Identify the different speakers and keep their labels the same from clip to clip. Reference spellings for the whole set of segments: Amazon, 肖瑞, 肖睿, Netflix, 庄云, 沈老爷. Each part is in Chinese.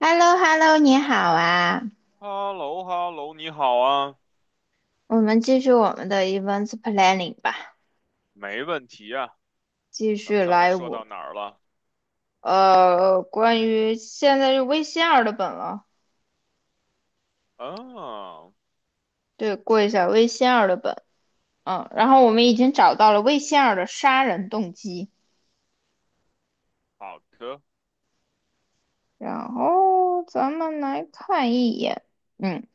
Speaker 1: h e l l o h e l l o 你好啊！
Speaker 2: h e l l o h e l l o 你好啊，
Speaker 1: 我们继续我们的 events planning 吧，
Speaker 2: 没问题啊。
Speaker 1: 继
Speaker 2: 咱们
Speaker 1: 续
Speaker 2: 上次
Speaker 1: 来
Speaker 2: 说到
Speaker 1: 我
Speaker 2: 哪儿了？
Speaker 1: 呃，关于现在是微信二的本了。
Speaker 2: 啊，
Speaker 1: 对，过一下微信二的本。然后我们已经找到了微信二的杀人动机，
Speaker 2: 好的，
Speaker 1: 然后咱们来看一眼。嗯，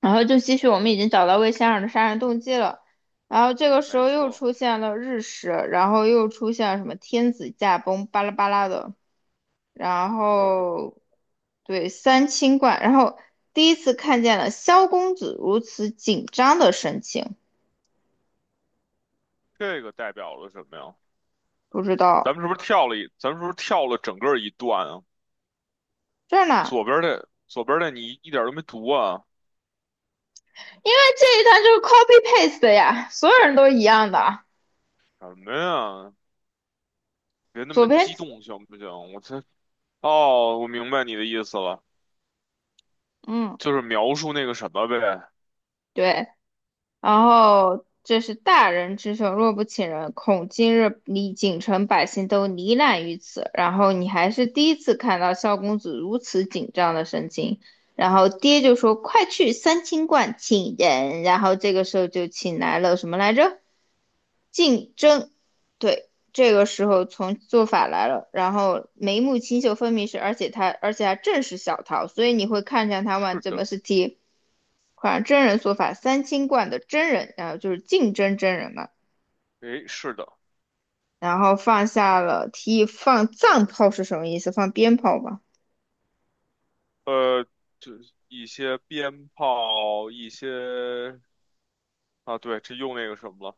Speaker 1: 然后就继续我们已经找到微仙儿的杀人动机了，然后这个时
Speaker 2: 没
Speaker 1: 候又
Speaker 2: 错，
Speaker 1: 出现了日食，然后又出现了什么天子驾崩，巴拉巴拉的。然
Speaker 2: 就是
Speaker 1: 后对三清观，然后第一次看见了萧公子如此紧张的神情。
Speaker 2: 这个代表了什么呀？
Speaker 1: 不知
Speaker 2: 咱
Speaker 1: 道
Speaker 2: 们是不是跳了一？咱们是不是跳了整个一段啊？
Speaker 1: 这儿呢，
Speaker 2: 左边的你一点都没读啊？
Speaker 1: 因为这一段就是 copy paste 的呀，所有人都一样的。
Speaker 2: 什么呀？别那
Speaker 1: 左
Speaker 2: 么
Speaker 1: 边。
Speaker 2: 激动行不行？我这哦，我明白你的意思了，
Speaker 1: 嗯，
Speaker 2: 就是描述那个什么呗。
Speaker 1: 对，然后这是大人之手，若不请人，恐今日里锦城百姓都罹难于此。然后你还是第一次看到萧公子如此紧张的神情。然后爹就说：“快去三清观请人。”然后这个时候就请来了什么来着？竞争。对，这个时候从做法来了，然后眉目清秀分明是，而且还正是小桃，所以你会看见他们
Speaker 2: 是
Speaker 1: 怎么
Speaker 2: 的，
Speaker 1: 是反款真人说法三清观的真人，然后就是竞争真人嘛。
Speaker 2: 诶，是的，
Speaker 1: 然后放下了提议放藏炮是什么意思？放鞭炮吧。
Speaker 2: 呃，就一些鞭炮，一些。啊，对，这又那个什么了，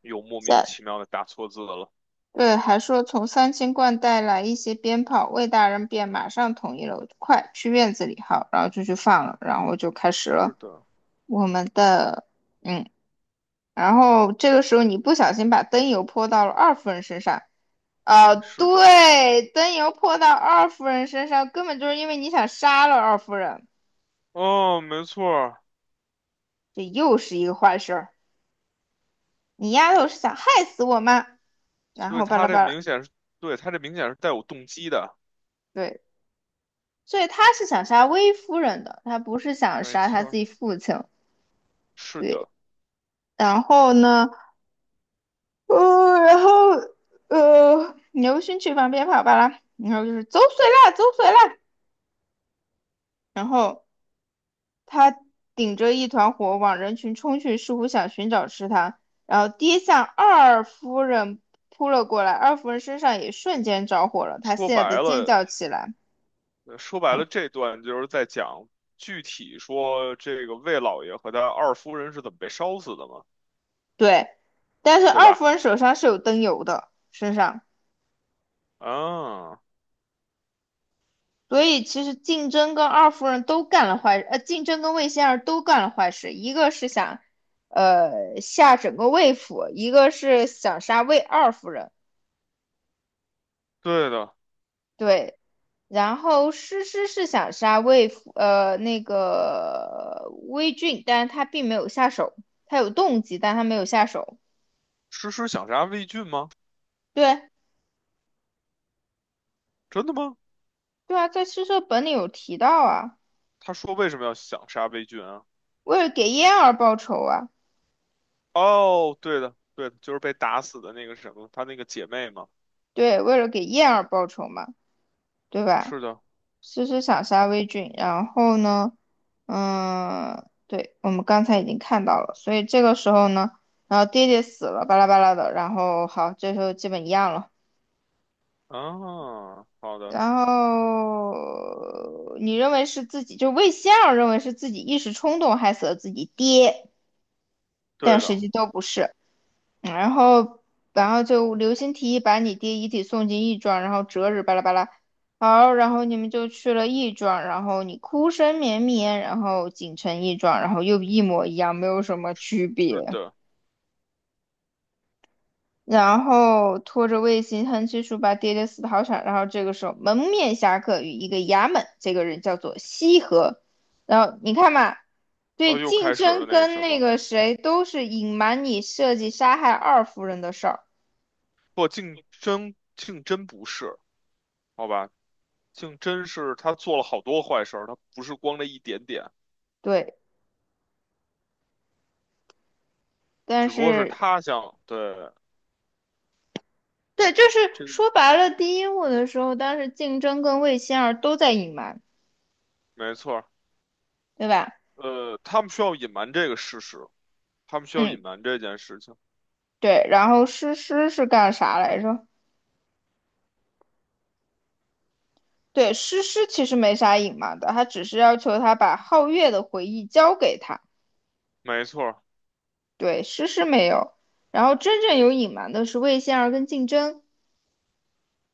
Speaker 2: 又莫名
Speaker 1: 在
Speaker 2: 其妙的打错字了。
Speaker 1: 对，还说从三清观带来一些鞭炮，魏大人便马上同意了，快去院子里好，然后就去放了，然后就开始
Speaker 2: 是
Speaker 1: 了
Speaker 2: 的，
Speaker 1: 我们的。嗯然后这个时候你不小心把灯油泼到了二夫人身上。
Speaker 2: 哎，
Speaker 1: 啊，
Speaker 2: 是的，
Speaker 1: 对，灯油泼到二夫人身上，根本就是因为你想杀了二夫人，
Speaker 2: 哦，没错儿，
Speaker 1: 这又是一个坏事儿。你丫头是想害死我吗？然
Speaker 2: 所以
Speaker 1: 后巴
Speaker 2: 他
Speaker 1: 拉
Speaker 2: 这
Speaker 1: 巴拉。
Speaker 2: 明显是，对，他这明显是带有动机的，
Speaker 1: 对，所以他是想杀薇夫人的，他不是想
Speaker 2: 没
Speaker 1: 杀他
Speaker 2: 错
Speaker 1: 自
Speaker 2: 儿，
Speaker 1: 己父亲。
Speaker 2: 是
Speaker 1: 对，
Speaker 2: 的。
Speaker 1: 然后呢，呃，然后牛勋去旁边跑巴拉，然后就是走水啦，走水啦。然后他顶着一团火往人群冲去，似乎想寻找吃他，然后跌向二夫人扑了过来，二夫人身上也瞬间着火了，她
Speaker 2: 说
Speaker 1: 吓
Speaker 2: 白
Speaker 1: 得尖
Speaker 2: 了，
Speaker 1: 叫起来。
Speaker 2: 说白了，这段就是在讲具体说这个魏老爷和他二夫人是怎么被烧死的嘛，
Speaker 1: 对，但是
Speaker 2: 对
Speaker 1: 二夫
Speaker 2: 吧？
Speaker 1: 人手上是有灯油的，身上。
Speaker 2: 啊，
Speaker 1: 所以其实竞争跟魏仙儿都干了坏事，一个是想吓整个魏府，一个是想杀魏二夫人。
Speaker 2: 对的，
Speaker 1: 对，然后诗诗是想杀那个魏俊，但是他并没有下手。他有动机，但他没有下手。
Speaker 2: 诗诗想杀魏俊吗？
Speaker 1: 对，
Speaker 2: 真的吗？
Speaker 1: 对啊，在诗社本里有提到啊，
Speaker 2: 他说为什么要想杀魏俊啊？
Speaker 1: 为了给燕儿报仇啊。
Speaker 2: 哦，对的，对的，就是被打死的那个什么，她那个姐妹嘛。
Speaker 1: 对，为了给燕儿报仇嘛，对吧？
Speaker 2: 是的，
Speaker 1: 诗诗想杀魏俊。然后呢，对，我们刚才已经看到了，所以这个时候呢，然后爹爹死了，巴拉巴拉的。然后好，这时候基本一样了。
Speaker 2: 啊，好的，
Speaker 1: 然后你认为是自己，就魏先生认为是自己一时冲动害死了自己爹，但
Speaker 2: 对
Speaker 1: 实
Speaker 2: 的，
Speaker 1: 际都不是。嗯然后，然后刘星提议把你爹遗体送进义庄，然后择日巴拉巴拉。好，然后你们就去了义庄，然后你哭声绵绵，然后锦城义庄，然后又一模一样，没有什么区
Speaker 2: 是
Speaker 1: 别。
Speaker 2: 的。
Speaker 1: 然后拖着卫星横七竖八、跌跌死跑场，然后这个时候蒙面侠客与一个衙门，这个人叫做西河。然后你看嘛，
Speaker 2: 哦，
Speaker 1: 对
Speaker 2: 又
Speaker 1: 竞
Speaker 2: 开始
Speaker 1: 争
Speaker 2: 了那个
Speaker 1: 跟
Speaker 2: 什
Speaker 1: 那
Speaker 2: 么，
Speaker 1: 个谁都是隐瞒你设计杀害二夫人的事儿。
Speaker 2: 不，竞争不是，好吧？竞争是他做了好多坏事儿，他不是光这一点点，
Speaker 1: 对，但
Speaker 2: 只不过是
Speaker 1: 是
Speaker 2: 他想，对，
Speaker 1: 对，就是
Speaker 2: 这个
Speaker 1: 说白了，第一幕的时候，当时竞争跟魏星儿都在隐瞒，
Speaker 2: 没错儿。
Speaker 1: 对吧？
Speaker 2: 呃，他们需要隐瞒这个事实，他们需要隐
Speaker 1: 嗯，
Speaker 2: 瞒这件事情，
Speaker 1: 对，然后诗诗是干啥来着？对，诗诗其实没啥隐瞒的，他只是要求他把皓月的回忆交给他。
Speaker 2: 没错儿。
Speaker 1: 对，诗诗没有。然后真正有隐瞒的是魏仙儿跟竞争。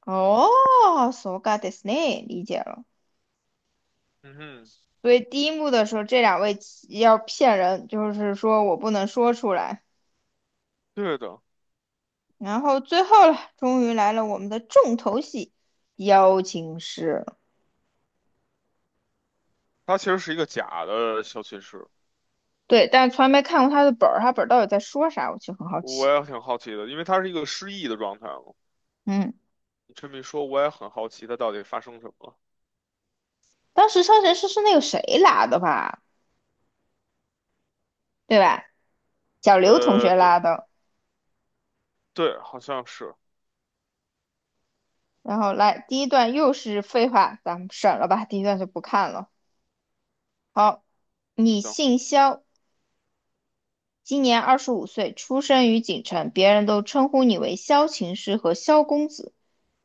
Speaker 1: 哦，so got this name，理解了。
Speaker 2: 嗯哼，
Speaker 1: 所以第一幕的时候，这两位要骗人，就是说我不能说出来。
Speaker 2: 对的，
Speaker 1: 然后最后了，终于来了我们的重头戏——邀请诗。
Speaker 2: 他其实是一个假的小骑士。
Speaker 1: 对，但从来没看过他的本儿，他本儿到底在说啥，我其实很好奇。
Speaker 2: 我也挺好奇的，因为他是一个失忆的状态嘛。
Speaker 1: 嗯，
Speaker 2: 你这么一说，我也很好奇他到底发生什么了。
Speaker 1: 当时商神诗是那个谁拉的吧？对吧？小刘同
Speaker 2: 呃，
Speaker 1: 学
Speaker 2: 对
Speaker 1: 拉的。
Speaker 2: 对，好像是，
Speaker 1: 然后来，第一段又是废话，咱们省了吧，第一段就不看了。好，你
Speaker 2: 行，
Speaker 1: 姓萧，今年25岁，出生于锦城，别人都称呼你为萧琴师和萧公子。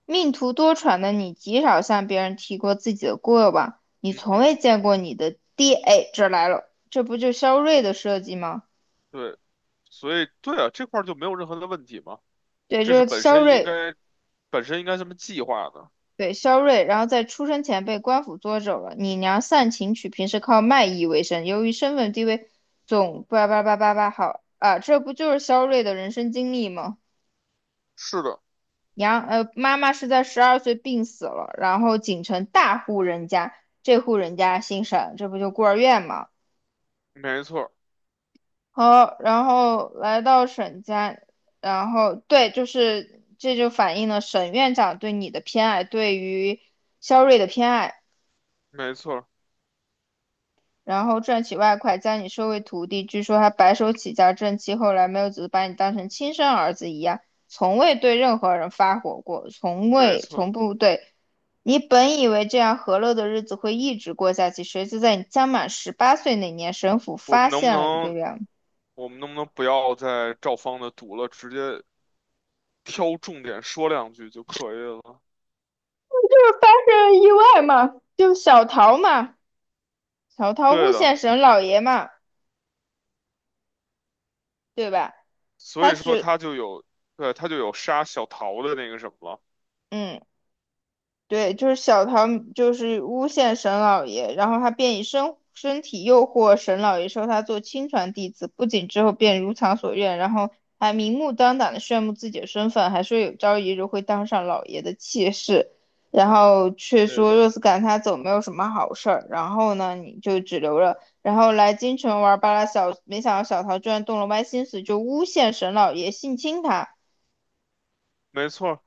Speaker 1: 命途多舛的你，极少向别人提过自己的过往，你
Speaker 2: 嗯
Speaker 1: 从未
Speaker 2: 嗯，
Speaker 1: 见过你的爹。哎，这来了，这不就肖睿的设计吗？
Speaker 2: 对，所以对啊，这块儿就没有任何的问题嘛，
Speaker 1: 对，
Speaker 2: 这是
Speaker 1: 就是
Speaker 2: 本
Speaker 1: 肖
Speaker 2: 身应
Speaker 1: 睿。
Speaker 2: 该本身应该这么计划的。
Speaker 1: 对，肖瑞，然后在出生前被官府捉走了。你娘善琴曲平时靠卖艺为生，由于身份地位，总叭叭叭叭叭好啊，这不就是肖瑞的人生经历吗？
Speaker 2: 是的，
Speaker 1: 妈妈是在12岁病死了，然后锦城大户人家，这户人家姓沈，这不就孤儿院吗？
Speaker 2: 没错儿
Speaker 1: 好，然后来到沈家。然后对，就是这就反映了沈院长对你的偏爱，对于肖瑞的偏爱。
Speaker 2: 没错儿
Speaker 1: 然后赚取外快，将你收为徒弟。据说他白手起家正气，后来没有只是把你当成亲生儿子一样，从未对任何人发火过，从
Speaker 2: 没
Speaker 1: 未
Speaker 2: 错儿
Speaker 1: 从不对。你本以为这样和乐的日子会一直过下去，谁知在你将满18岁那年，神府
Speaker 2: 我
Speaker 1: 发
Speaker 2: 们能不
Speaker 1: 现了一个
Speaker 2: 能
Speaker 1: 人，
Speaker 2: 我们能不能不要再照方的读了，直接挑重点说两句就可以了？
Speaker 1: 就是发生了意外嘛，就小桃嘛，小桃
Speaker 2: 对
Speaker 1: 诬
Speaker 2: 的。
Speaker 1: 陷沈老爷嘛，对吧？
Speaker 2: 所
Speaker 1: 他
Speaker 2: 以说
Speaker 1: 只
Speaker 2: 他就有，对，他就有杀小桃的那个什么了。
Speaker 1: 嗯。对，就是小桃，就是诬陷沈老爷，然后他便以身体诱惑沈老爷收他做亲传弟子，不仅之后便如偿所愿，然后还明目张胆的炫耀自己的身份，还说有朝一日会当上老爷的妾室，然后却
Speaker 2: 对
Speaker 1: 说
Speaker 2: 的，
Speaker 1: 若是赶他走没有什么好事儿，然后呢你就只留了，然后来京城玩儿罢了。小没想到小桃居然动了歪心思，就诬陷沈老爷性侵他。
Speaker 2: 没错，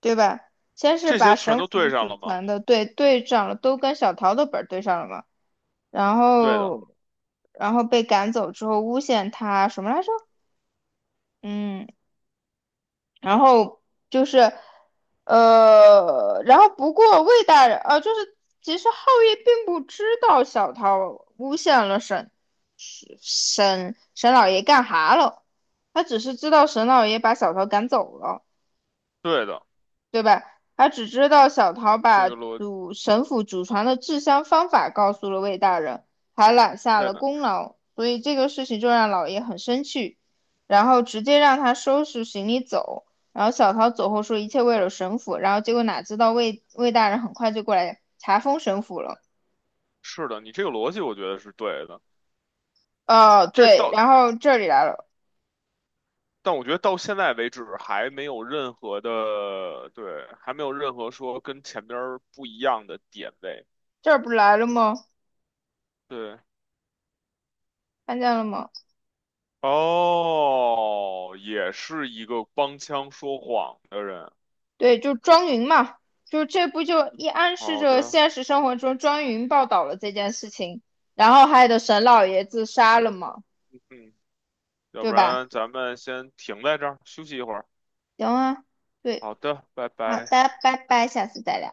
Speaker 1: 对吧？先是
Speaker 2: 这
Speaker 1: 把
Speaker 2: 些全
Speaker 1: 神
Speaker 2: 都
Speaker 1: 府
Speaker 2: 对上
Speaker 1: 组
Speaker 2: 了吗？
Speaker 1: 团的队长了，都跟小桃的本儿对上了嘛。然
Speaker 2: 对的，
Speaker 1: 后，然后被赶走之后诬陷他什么来着？嗯，然后就是，不过魏大人，其实皓月并不知道小桃诬陷了沈老爷干哈了，他只是知道沈老爷把小桃赶走了。
Speaker 2: 对的，
Speaker 1: 对吧？他只知道小桃
Speaker 2: 这
Speaker 1: 把
Speaker 2: 个逻，
Speaker 1: 祖神府祖传的制香方法告诉了魏大人，还揽下
Speaker 2: 对
Speaker 1: 了
Speaker 2: 的，
Speaker 1: 功劳，所以这个事情就让老爷很生气，然后直接让他收拾行李走。然后小桃走后说一切为了神府，然后结果哪知道魏大人很快就过来查封神府了。
Speaker 2: 是的，你这个逻辑我觉得是对的。
Speaker 1: 哦，
Speaker 2: 这
Speaker 1: 对，
Speaker 2: 到，
Speaker 1: 然后这里来了，
Speaker 2: 但我觉得到现在为止还没有任何的，对，还没有任何说跟前边儿不一样的点位。
Speaker 1: 这儿不来了吗？
Speaker 2: 对，
Speaker 1: 看见了吗？
Speaker 2: 哦，也是一个帮腔说谎的人。
Speaker 1: 对，就庄云嘛，就是这不就一暗示
Speaker 2: 好
Speaker 1: 着
Speaker 2: 的，
Speaker 1: 现实生活中庄云报道了这件事情，然后害得沈老爷自杀了嘛，
Speaker 2: 嗯，要
Speaker 1: 对
Speaker 2: 不
Speaker 1: 吧？
Speaker 2: 然咱们先停在这儿休息一会儿。
Speaker 1: 行啊，对，
Speaker 2: 好的，拜
Speaker 1: 好的，
Speaker 2: 拜。
Speaker 1: 拜拜，下次再聊。